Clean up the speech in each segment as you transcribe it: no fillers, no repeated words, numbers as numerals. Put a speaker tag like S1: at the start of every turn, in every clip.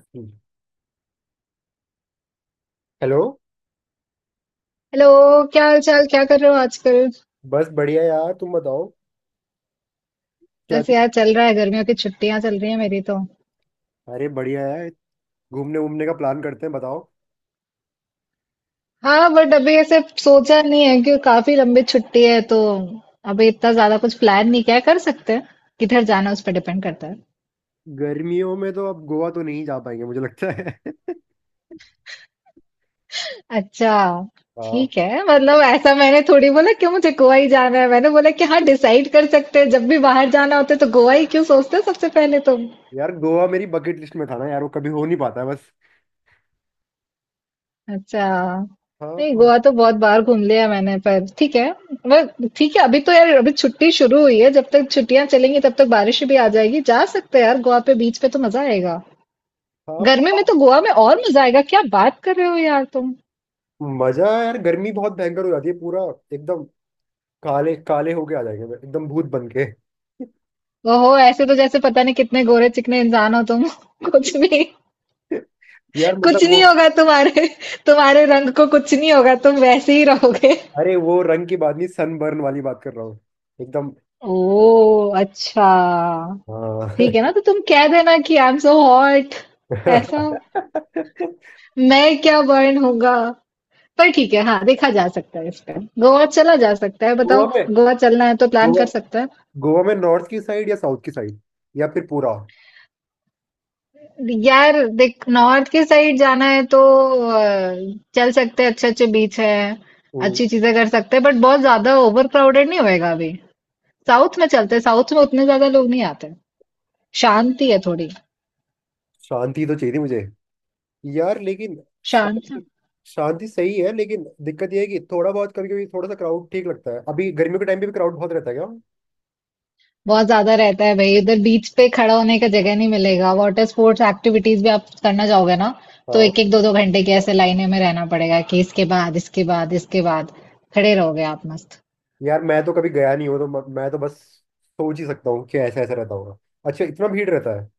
S1: हम्म। Hello.
S2: Hello. क्या हाल चाल, क्या कर रहे हो आजकल?
S1: बस बढ़िया यार, तुम बताओ। क्या?
S2: बस यार चल रहा है, गर्मियों की छुट्टियां चल रही है मेरी तो।
S1: अरे बढ़िया है। घूमने घूमने का प्लान करते हैं, बताओ।
S2: हाँ बट अभी ऐसे सोचा नहीं है कि काफी लंबी छुट्टी है तो अभी इतना ज्यादा कुछ प्लान नहीं किया है। कर सकते हैं, किधर जाना है, उस पर डिपेंड करता है।
S1: गर्मियों में तो अब गोवा तो नहीं जा पाएंगे मुझे लगता है।
S2: अच्छा।
S1: हाँ।
S2: ठीक है, मतलब ऐसा मैंने थोड़ी बोला कि मुझे गोवा ही जाना है, मैंने बोला कि हाँ डिसाइड कर सकते हैं, जब भी बाहर जाना होता है तो गोवा ही क्यों सोचते हो सबसे पहले तो।
S1: यार गोवा मेरी बकेट लिस्ट में था ना यार, वो कभी हो नहीं पाता है बस।
S2: अच्छा। नहीं
S1: हाँ।
S2: गोवा तो बहुत बार घूम लिया मैंने, पर ठीक है। पर ठीक है, अभी तो यार अभी छुट्टी शुरू हुई है, जब तक छुट्टियां चलेंगी तब तक बारिश भी आ जाएगी। जा सकते हैं यार गोवा पे, बीच पे तो मजा आएगा।
S1: हाँ प-
S2: गर्मी में तो गोवा में और मजा आएगा, क्या बात कर रहे हो यार तुम।
S1: मजा है यार, गर्मी बहुत भयंकर हो जाती है पूरा। एकदम काले काले होके आ जाएंगे एकदम भूत बन के।
S2: ओहो, ऐसे तो जैसे पता नहीं कितने गोरे चिकने इंसान हो तुम कुछ भी।
S1: यार
S2: कुछ
S1: मतलब वो।
S2: नहीं होगा तुम्हारे, तुम्हारे रंग को कुछ नहीं होगा, तुम वैसे ही रहोगे।
S1: अरे वो रंग की बात नहीं, सनबर्न वाली बात कर रहा हूँ एकदम।
S2: ओ अच्छा।
S1: हाँ।
S2: ठीक है ना, तो तुम कह देना कि आई एम सो हॉट। ऐसा। मैं क्या बर्न होगा। पर ठीक है, हाँ देखा जा सकता है इस पे। गोवा चला जा सकता है,
S1: गोवा
S2: बताओ।
S1: में।
S2: गोवा चलना है तो प्लान कर
S1: गोवा।
S2: सकते हैं।
S1: गोवा में नॉर्थ की साइड या साउथ की साइड? या फिर पूरा?
S2: यार देख, नॉर्थ के साइड जाना है तो अ, चल सकते हैं, अच्छे अच्छे बीच है,
S1: हम्म,
S2: अच्छी चीजें कर सकते हैं, बट बहुत ज्यादा ओवर क्राउडेड नहीं होएगा अभी। साउथ में चलते हैं, साउथ में उतने ज्यादा लोग नहीं आते, शांति है थोड़ी।
S1: शांति तो चाहिए थी मुझे यार, लेकिन
S2: शांत।
S1: शांति। शांति सही है, लेकिन दिक्कत यह है कि थोड़ा बहुत, कभी कभी थोड़ा सा क्राउड ठीक लगता है। अभी गर्मियों के टाइम पे भी क्राउड बहुत रहता है क्या?
S2: बहुत ज़्यादा रहता है भई, उधर बीच पे खड़ा होने का जगह नहीं मिलेगा। वाटर स्पोर्ट्स एक्टिविटीज़ भी आप करना जाओगे ना, तो
S1: हाँ।
S2: एक-एक, दो-दो घंटे की ऐसे लाइनें में रहना पड़ेगा कि इसके बाद, इसके बाद, इसके बाद। खड़े रहोगे आप मस्त।
S1: यार मैं तो कभी गया नहीं हूँ, तो मैं तो बस सोच ही सकता हूँ कि ऐसा ऐसा रहता होगा। अच्छा, इतना भीड़ रहता है?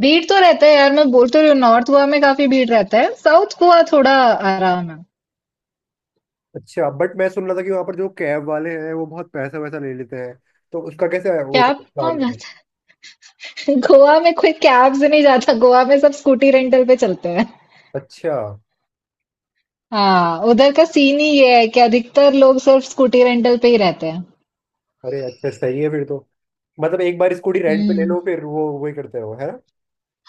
S2: भीड़ तो रहता है यार, मैं बोल तो रही हूँ, नॉर्थ गोवा में काफ़ी भीड़ रहता है। साउथ गोवा थोड़ा आराम है।
S1: अच्छा बट मैं सुन रहा था कि वहाँ पर जो कैब वाले हैं वो बहुत पैसा वैसा ले लेते हैं, तो उसका कैसे है वो
S2: कैब
S1: प्लान
S2: कौन
S1: है?
S2: जाता है? गोवा में कोई कैब से नहीं जाता, गोवा में सब स्कूटी रेंटल पे चलते हैं।
S1: अच्छा।
S2: हाँ, उधर का सीन ही ये है कि अधिकतर लोग सिर्फ स्कूटी रेंटल पे ही रहते हैं।
S1: अरे अच्छा, सही है फिर तो। मतलब एक बार स्कूटी रेंट पे ले
S2: हुँ।
S1: लो, फिर वो वही करते रहो, है ना?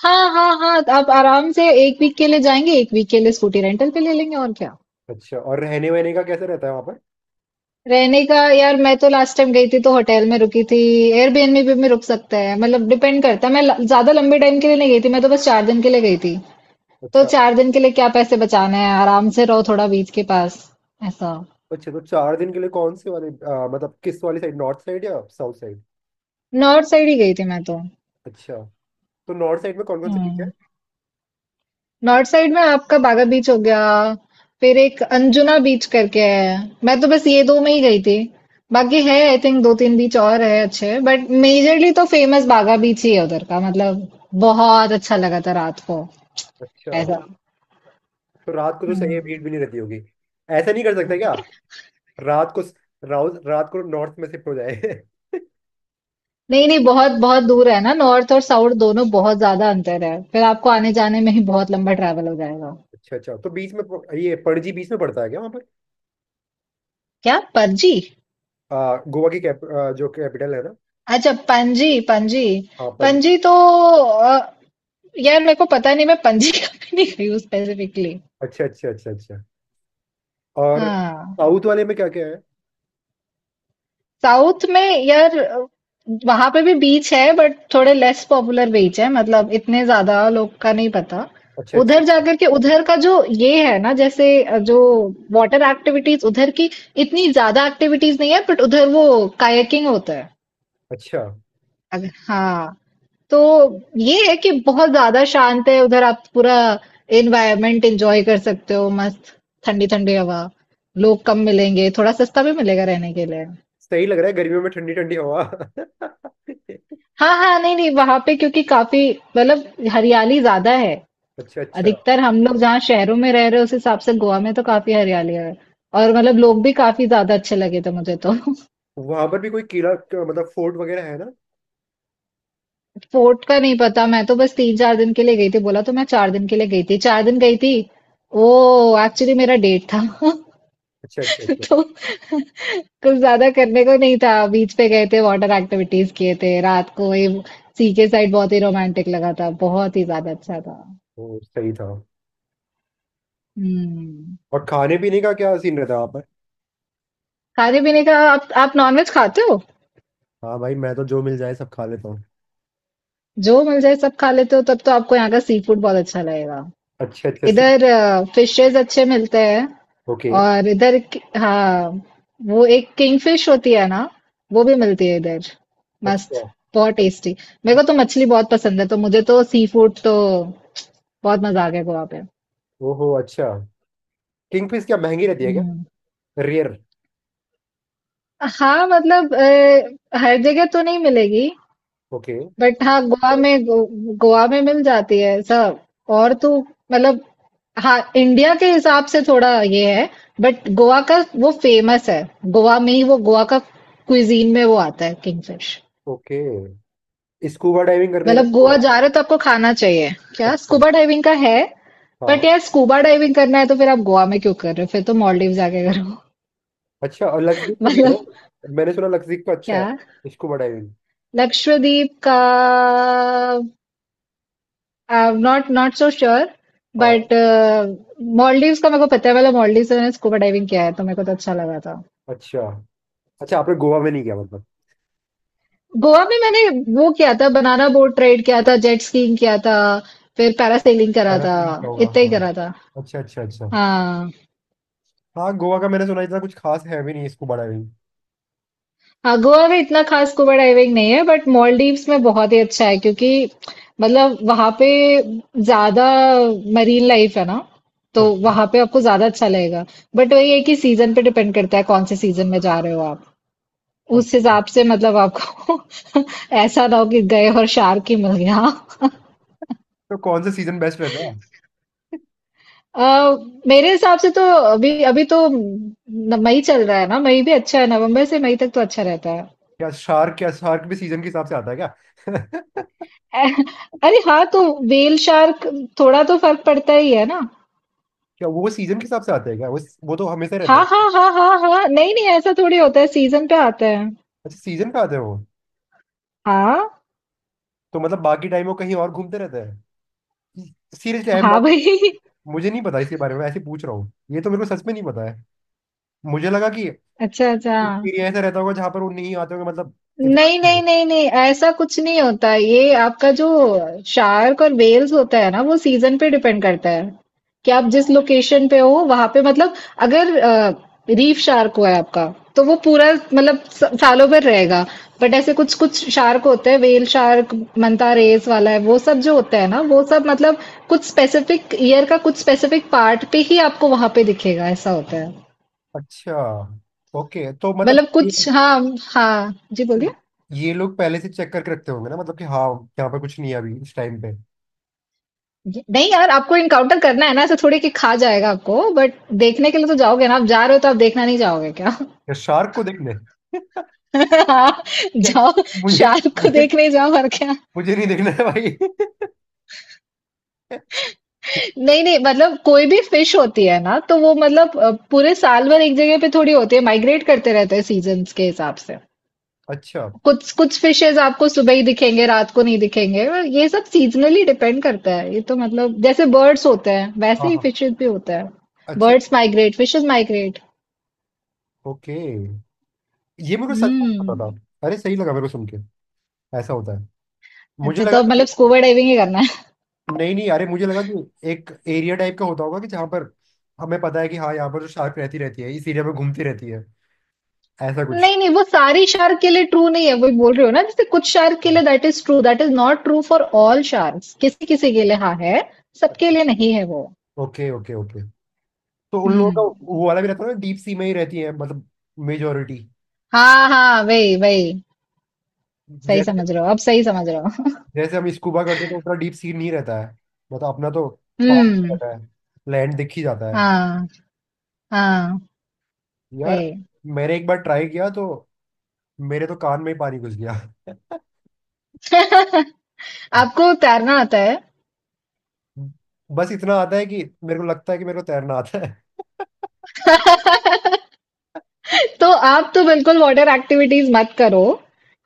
S2: हाँ हाँ हाँ, तो आप आराम से एक वीक के लिए जाएंगे, एक वीक के लिए स्कूटी रेंटल पे ले लेंगे, और क्या।
S1: अच्छा, और रहने वहने का कैसे रहता है वहाँ पर?
S2: रहने का यार, मैं तो लास्ट टाइम गई थी तो होटल में रुकी थी। एयरबीएनबी पे भी रुक सकते हैं, मतलब डिपेंड करता है। ज्यादा लंबे टाइम के लिए नहीं गई थी मैं, तो बस चार दिन के लिए गई थी। तो
S1: अच्छा।
S2: चार दिन के लिए क्या पैसे बचाने हैं, आराम से रहो थोड़ा बीच के पास, ऐसा।
S1: अच्छा तो चार दिन के लिए कौन से वाले मतलब किस वाली साइड, नॉर्थ साइड या साउथ साइड?
S2: नॉर्थ साइड ही गई थी मैं तो।
S1: अच्छा, तो नॉर्थ साइड में कौन कौन से बीच है?
S2: हम्म। नॉर्थ साइड में आपका बागा बीच हो गया, फिर एक अंजुना बीच करके है। मैं तो बस ये दो में ही गई थी, बाकी है आई थिंक दो तीन बीच और है अच्छे, बट मेजरली तो फेमस बागा बीच ही है उधर का मतलब। बहुत अच्छा लगा था रात को,
S1: अच्छा,
S2: ऐसा।
S1: तो रात को तो सही है,
S2: हम्म।
S1: भीड़ भी नहीं रहती होगी। ऐसा नहीं कर सकते क्या? रात को? राउस रात को नॉर्थ में शिफ्ट हो जाए।
S2: नहीं नहीं बहुत बहुत दूर है ना, नॉर्थ और साउथ दोनों बहुत ज्यादा अंतर है, फिर आपको आने जाने में ही बहुत लंबा ट्रैवल हो जाएगा।
S1: अच्छा अच्छा, तो बीच में ये पणजी बीच में पड़ता है क्या वहाँ पर?
S2: क्या पणजी।
S1: गोवा की जो कैपिटल है ना।
S2: अच्छा पणजी, पणजी।
S1: हाँ, पणजी।
S2: पणजी तो अ, यार मेरे को पता नहीं, मैं पणजी कभी नहीं गई हूँ स्पेसिफिकली।
S1: अच्छा अच्छा अच्छा अच्छा। और
S2: हाँ।
S1: साउथ वाले में क्या क्या है?
S2: साउथ में यार, वहां पे भी बीच है, बट थोड़े लेस पॉपुलर बीच है, मतलब इतने ज्यादा लोग का नहीं पता।
S1: अच्छा अच्छा
S2: उधर
S1: अच्छा।
S2: जाकर के उधर का जो ये है ना, जैसे, जो वाटर एक्टिविटीज उधर की, इतनी ज्यादा एक्टिविटीज नहीं है, बट उधर वो कायाकिंग होता है।
S1: अच्छा,
S2: अगर हाँ, तो ये है कि बहुत ज़्यादा शांत है उधर, आप पूरा एनवायरनमेंट एंजॉय कर सकते हो मस्त, ठंडी ठंडी हवा, लोग कम मिलेंगे, थोड़ा सस्ता भी मिलेगा रहने के लिए।
S1: सही लग रहा है गर्मियों में ठंडी ठंडी हवा।
S2: हाँ हाँ, नहीं नहीं वहां पे क्योंकि काफी मतलब हरियाली ज्यादा है।
S1: अच्छा अच्छा।
S2: अधिकतर हम लोग जहाँ शहरों में रह रहे हैं उस हिसाब से गोवा में तो काफी हरियाली है, और मतलब लोग भी काफी ज्यादा अच्छे लगे थे मुझे तो।
S1: वहां पर भी कोई किला मतलब फोर्ट वगैरह है ना?
S2: फोर्ट का नहीं पता, मैं तो बस तीन चार दिन के लिए गई थी, बोला तो, मैं चार दिन के लिए गई थी, चार दिन गई थी। वो एक्चुअली मेरा डेट था।
S1: अच्छा अच्छा अच्छा।
S2: तो कुछ ज्यादा करने को नहीं था, बीच पे गए थे, वाटर एक्टिविटीज किए थे, रात को ये सी के साइड बहुत ही रोमांटिक लगा था, बहुत ही ज्यादा अच्छा था।
S1: वो सही था।
S2: हम्म।
S1: और खाने पीने का क्या सीन रहता है वहाँ पर?
S2: खाने पीने का, आप नॉनवेज खाते हो।
S1: हाँ भाई, मैं तो जो मिल जाए सब खा लेता हूँ।
S2: जो मिल जाए सब खा लेते हो, तब तो आपको यहाँ का सी फूड बहुत अच्छा लगेगा।
S1: अच्छा अच्छा सी।
S2: इधर फिशेस अच्छे मिलते हैं,
S1: ओके।
S2: और इधर हाँ वो एक किंगफिश होती है ना, वो भी मिलती है इधर,
S1: अच्छा।
S2: मस्त, बहुत टेस्टी। मेरे को तो मछली बहुत पसंद है, तो मुझे तो सी फूड तो बहुत मजा आ गया गोवा पे।
S1: ओहो अच्छा। किंग फिश क्या महंगी रहती है क्या?
S2: हम्म।
S1: रेयर?
S2: हाँ मतलब हर जगह तो नहीं मिलेगी।
S1: ओके।
S2: बट हाँ गोवा में गोवा में मिल जाती है सब। और तो मतलब हाँ इंडिया के हिसाब से थोड़ा ये है, बट गोवा का वो फेमस है, गोवा में ही वो, गोवा का क्विजीन में वो आता है किंगफिश।
S1: ओके, स्कूबा डाइविंग करने का
S2: मतलब गोवा जा
S1: होगा।
S2: रहे हो तो आपको खाना चाहिए। क्या
S1: अच्छा।
S2: स्कूबा डाइविंग का है। बट
S1: हाँ।
S2: यार स्कूबा डाइविंग करना है तो फिर आप गोवा में क्यों कर रहे हो, फिर तो मॉलडीव जाके करो।
S1: अच्छा, और लक्षदीप का भी है
S2: मतलब।
S1: ना। मैंने सुना लक्षदीप का अच्छा
S2: क्या।
S1: है स्कूबा डाइविंग।
S2: लक्षद्वीप का I'm not not so sure,
S1: हाँ।
S2: but मॉलडीव्स का मेरे को पता है, वाला मॉलडीव से मैंने स्कूबा डाइविंग किया है तो मेरे को तो अच्छा लगा था।
S1: अच्छा, अच्छा आपने गोवा में नहीं गया मतलब?
S2: गोवा में मैंने वो किया था, बनाना बोट राइड किया था, जेट स्कीइंग किया था, फिर पैरासेलिंग करा था,
S1: पैरासेलिंग क्या होगा?
S2: इतना ही
S1: हाँ।
S2: करा था।
S1: अच्छा अच्छा अच्छा।
S2: हाँ।
S1: हाँ, गोवा का मैंने सुना इतना कुछ खास है भी नहीं स्कूबा डाइविंग।
S2: हाँ गोवा में इतना खास स्कूबा डाइविंग नहीं है, बट मॉलडीव्स में बहुत ही अच्छा है, क्योंकि मतलब वहां पे ज्यादा मरीन लाइफ है ना, तो
S1: ओके।
S2: वहां पे आपको ज्यादा अच्छा लगेगा। बट वही है कि सीजन पे डिपेंड करता है कौन से सीजन में जा रहे हो आप, उस
S1: अच्छा,
S2: हिसाब से मतलब आपको ऐसा ना हो कि गए और शार्क ही मिल गया।
S1: तो कौन सा सीजन बेस्ट रहता है?
S2: अ, मेरे हिसाब से तो अभी, अभी तो न, मई चल रहा है ना, मई भी अच्छा है, नवंबर से मई तक तो अच्छा रहता है।
S1: क्या, शार्क, क्या शार्क भी सीजन के हिसाब से आता है क्या?
S2: अ- अरे हाँ तो व्हेल शार्क, थोड़ा तो फर्क पड़ता ही है ना।
S1: क्या, वो सीजन के हिसाब से आता है क्या वो? वो तो हमेशा रहता
S2: हाँ
S1: हूँ।
S2: हाँ हाँ हाँ हाँ, नहीं नहीं ऐसा थोड़ी होता है, सीजन पे आता है।
S1: अच्छा, सीजन का आते हैं वो?
S2: हाँ।
S1: तो मतलब बाकी टाइम वो कहीं और घूमते रहते हैं? सीरियसली आई एम
S2: हाँ
S1: नॉट।
S2: भाई।
S1: मुझे नहीं पता इसके बारे में, ऐसे पूछ रहा हूँ, ये तो मेरे को सच में नहीं पता। मुझे लगा कि
S2: अच्छा अच्छा।
S1: उस एरिया ऐसा रहता होगा जहां पर वो नहीं आते होंगे मतलब। इतना।
S2: नहीं नहीं नहीं नहीं, ऐसा कुछ नहीं होता, ये आपका जो शार्क और वेल्स होता है ना वो सीजन पे डिपेंड करता है कि आप जिस लोकेशन पे हो वहां पे, मतलब अगर रीफ शार्क हुआ है आपका, तो वो पूरा मतलब सालों भर रहेगा। बट ऐसे कुछ कुछ शार्क होते हैं, वेल शार्क, मंता रेस वाला है वो सब, जो होता है ना वो सब मतलब कुछ स्पेसिफिक ईयर का कुछ स्पेसिफिक पार्ट पे ही आपको वहां पे दिखेगा, ऐसा होता है।
S1: अच्छा। ओके, तो मतलब
S2: मतलब कुछ, हाँ, हाँ जी बोलिए।
S1: ये लोग पहले से चेक करके रखते होंगे ना मतलब, कि हाँ यहाँ पर कुछ नहीं है अभी इस टाइम पे।
S2: नहीं यार, आपको इनकाउंटर करना है ना, ऐसे थोड़ी कि खा जाएगा आपको, बट देखने के लिए तो जाओगे ना, आप जा रहे हो तो आप देखना नहीं जाओगे क्या?
S1: या शार्क को देखने?
S2: हाँ,
S1: या-
S2: जाओ,
S1: मुझे
S2: शार्क को
S1: मुझे
S2: देखने जाओ और क्या।
S1: मुझे नहीं देखना है भाई।
S2: नहीं नहीं मतलब कोई भी फिश होती है ना तो वो मतलब पूरे साल भर एक जगह पे थोड़ी होती है, माइग्रेट करते रहते हैं सीजन्स के हिसाब से।
S1: अच्छा।
S2: कुछ कुछ फिशेज आपको सुबह ही दिखेंगे, रात को नहीं दिखेंगे। ये सब सीजनली डिपेंड करता है ये, तो मतलब जैसे बर्ड्स होते हैं वैसे
S1: हाँ
S2: ही
S1: हाँ।
S2: फिशेज भी होता है।
S1: अच्छा।
S2: Birds migrate, fishes migrate.
S1: Okay. ये मेरे को सच में पता था।
S2: हम्म।
S1: अरे सही लगा मेरे को सुन के, ऐसा होता है। मुझे
S2: अच्छा, तो
S1: लगा
S2: अब मतलब
S1: कि,
S2: स्कूबा डाइविंग ही करना है।
S1: नहीं नहीं, अरे मुझे लगा कि एक एरिया टाइप का होता होगा कि जहाँ पर हमें पता है कि हाँ यहाँ पर जो शार्क रहती रहती है इस एरिया में घूमती रहती है, ऐसा कुछ।
S2: नहीं नहीं, वो सारी शार्क के लिए ट्रू नहीं है, वही बोल रहे हो ना, जैसे कुछ शार्क के लिए that is true, that is not true for all sharks, किसी किसी के लिए हाँ है, सबके लिए नहीं है वो।
S1: Okay okay okay. तो उन लोगों का
S2: हम्म।
S1: वो वाला भी रहता है ना, डीप सी में ही रहती है मतलब, मेजोरिटी।
S2: हाँ हाँ वही वही, सही
S1: जैसे,
S2: समझ रहे हो, अब सही समझ रहे हो
S1: जैसे हम स्कूबा करते हैं तो उतना डीप सी नहीं रहता है, मतलब अपना तो पार
S2: हम्म,
S1: रहता है, लैंड दिख ही जाता है
S2: हाँ हाँ
S1: यार।
S2: वही।
S1: मैंने एक बार ट्राई किया तो मेरे तो कान में ही पानी घुस गया।
S2: आपको तैरना आता है?
S1: बस इतना आता है कि मेरे को लगता है कि मेरे को तैरना आता है।
S2: तो आप तो बिल्कुल वाटर एक्टिविटीज मत करो,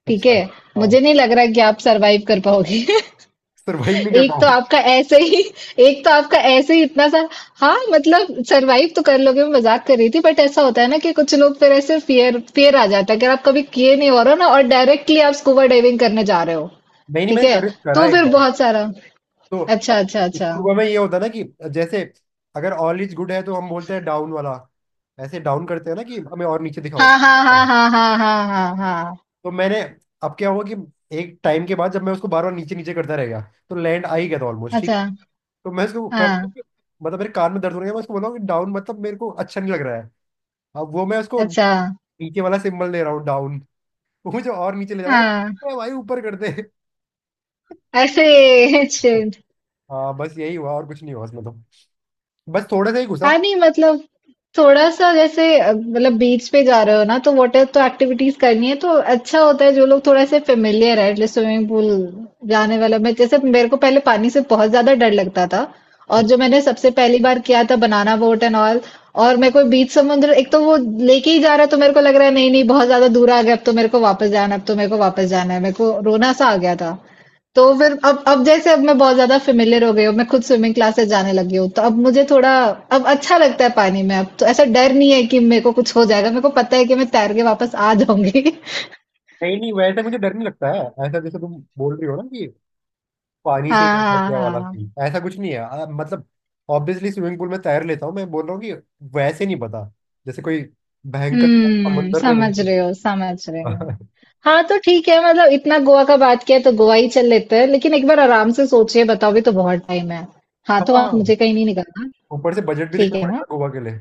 S2: ठीक
S1: अच्छा।
S2: है।
S1: हाँ,
S2: मुझे नहीं लग रहा कि आप सरवाइव कर पाओगे।
S1: सरवाइव नहीं कर
S2: एक तो
S1: पाऊंगा।
S2: आपका ऐसे ही, एक तो आपका ऐसे ही इतना सा। हाँ मतलब सरवाइव तो कर लोगे, मैं मजाक कर रही थी, बट ऐसा होता है ना कि कुछ लोग फिर ऐसे फियर फियर आ जाता है, अगर आप कभी किए नहीं हो रहा ना और डायरेक्टली आप स्कूबा डाइविंग करने जा रहे हो।
S1: नहीं नहीं,
S2: ठीक
S1: मैंने
S2: है,
S1: करा
S2: तो
S1: एक
S2: फिर
S1: बार।
S2: बहुत सारा,
S1: तो
S2: अच्छा
S1: अब
S2: अच्छा अच्छा।
S1: स्कूबा में ये होता है ना कि, जैसे, अगर ऑल इज गुड है तो हम बोलते हैं डाउन वाला, ऐसे डाउन करते हैं ना कि हमें और नीचे दिखाओ।
S2: हाँ हाँ हाँ
S1: हाँ।
S2: हाँ हाँ हाँ हाँ हाँ।
S1: तो मैंने, अब क्या हुआ कि एक टाइम के बाद जब मैं उसको बार बार नीचे नीचे करता रह गया, तो लैंड आ ही गया था ऑलमोस्ट, ठीक
S2: अच्छा।
S1: है? तो मैं उसको
S2: हाँ।
S1: मतलब मेरे कान में दर्द हो रहा है, मैं उसको बोल रहा हूँ कि डाउन, मतलब मेरे को अच्छा नहीं लग रहा है। अब वो, मैं उसको
S2: अच्छा।
S1: नीचे वाला सिंबल दे रहा हूँ डाउन, वो मुझे और नीचे ले जा रहा
S2: हाँ।
S1: है। मैं, भाई ऊपर कर दे।
S2: ऐसे।
S1: हाँ बस यही हुआ, और कुछ नहीं हुआ उसमें तो, बस थोड़ा सा ही घुसा।
S2: हाँ नहीं मतलब थोड़ा सा, जैसे मतलब बीच पे जा रहे हो ना तो वाटर तो एक्टिविटीज करनी है, तो अच्छा होता है जो लोग थोड़ा से फेमिलियर है, एटलीस्ट स्विमिंग पूल जाने वाला। मैं जैसे, मेरे को पहले पानी से बहुत ज्यादा डर लगता था, और जो मैंने सबसे पहली बार किया था बनाना बोट एंड ऑल, और मेरे को बीच समुद्र एक तो वो लेके ही जा रहा है, तो मेरे को लग रहा है नहीं नहीं बहुत ज्यादा दूर आ गया, अब तो मेरे को वापस जाना है, अब तो मेरे को वापस जाना है, मेरे को रोना सा आ गया था। तो फिर अब जैसे अब मैं बहुत ज्यादा फेमिलियर हो गई हूँ, मैं खुद स्विमिंग क्लासेस जाने लगी हूँ, तो अब मुझे थोड़ा, अब अच्छा लगता है पानी में, अब तो ऐसा डर नहीं है कि मेरे को कुछ हो जाएगा, मेरे को पता है कि मैं तैर के वापस आ जाऊंगी।
S1: नहीं नहीं, वैसे मुझे डर नहीं लगता है। ऐसा जैसे तुम बोल रही हो ना कि पानी
S2: हाँ
S1: से ही डर लग
S2: हाँ
S1: गया वाला
S2: हाँ।
S1: सीन, ऐसा कुछ नहीं है। मतलब ऑब्वियसली स्विमिंग पूल में तैर लेता हूँ। मैं बोल रहा हूँ कि वैसे नहीं पता, जैसे कोई भयंकर
S2: हम्म,
S1: समुंदर में हूँ
S2: समझ रहे हो,
S1: तो।
S2: समझ रहे हो।
S1: हाँ।
S2: हाँ तो ठीक है, मतलब इतना गोवा का बात किया है तो गोवा ही चल लेते हैं, लेकिन एक बार आराम से सोचिए, बताओ भी, तो बहुत टाइम है। हाँ
S1: हाँ,
S2: तो आप
S1: हाँ।
S2: मुझे कहीं नहीं निकलना।
S1: ऊपर से बजट भी
S2: ठीक
S1: देखना
S2: है ना।
S1: पड़ेगा गोवा के लिए।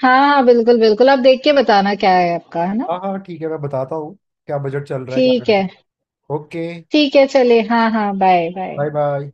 S2: हाँ हाँ बिल्कुल बिल्कुल, आप देख के बताना क्या है आपका, है ना।
S1: हाँ हाँ ठीक है, मैं बताता हूँ क्या बजट चल रहा है
S2: ठीक है।
S1: क्या। ओके।
S2: ठीक है, चलिए, हाँ, हाँ, बाय, बाय।
S1: Bye bye.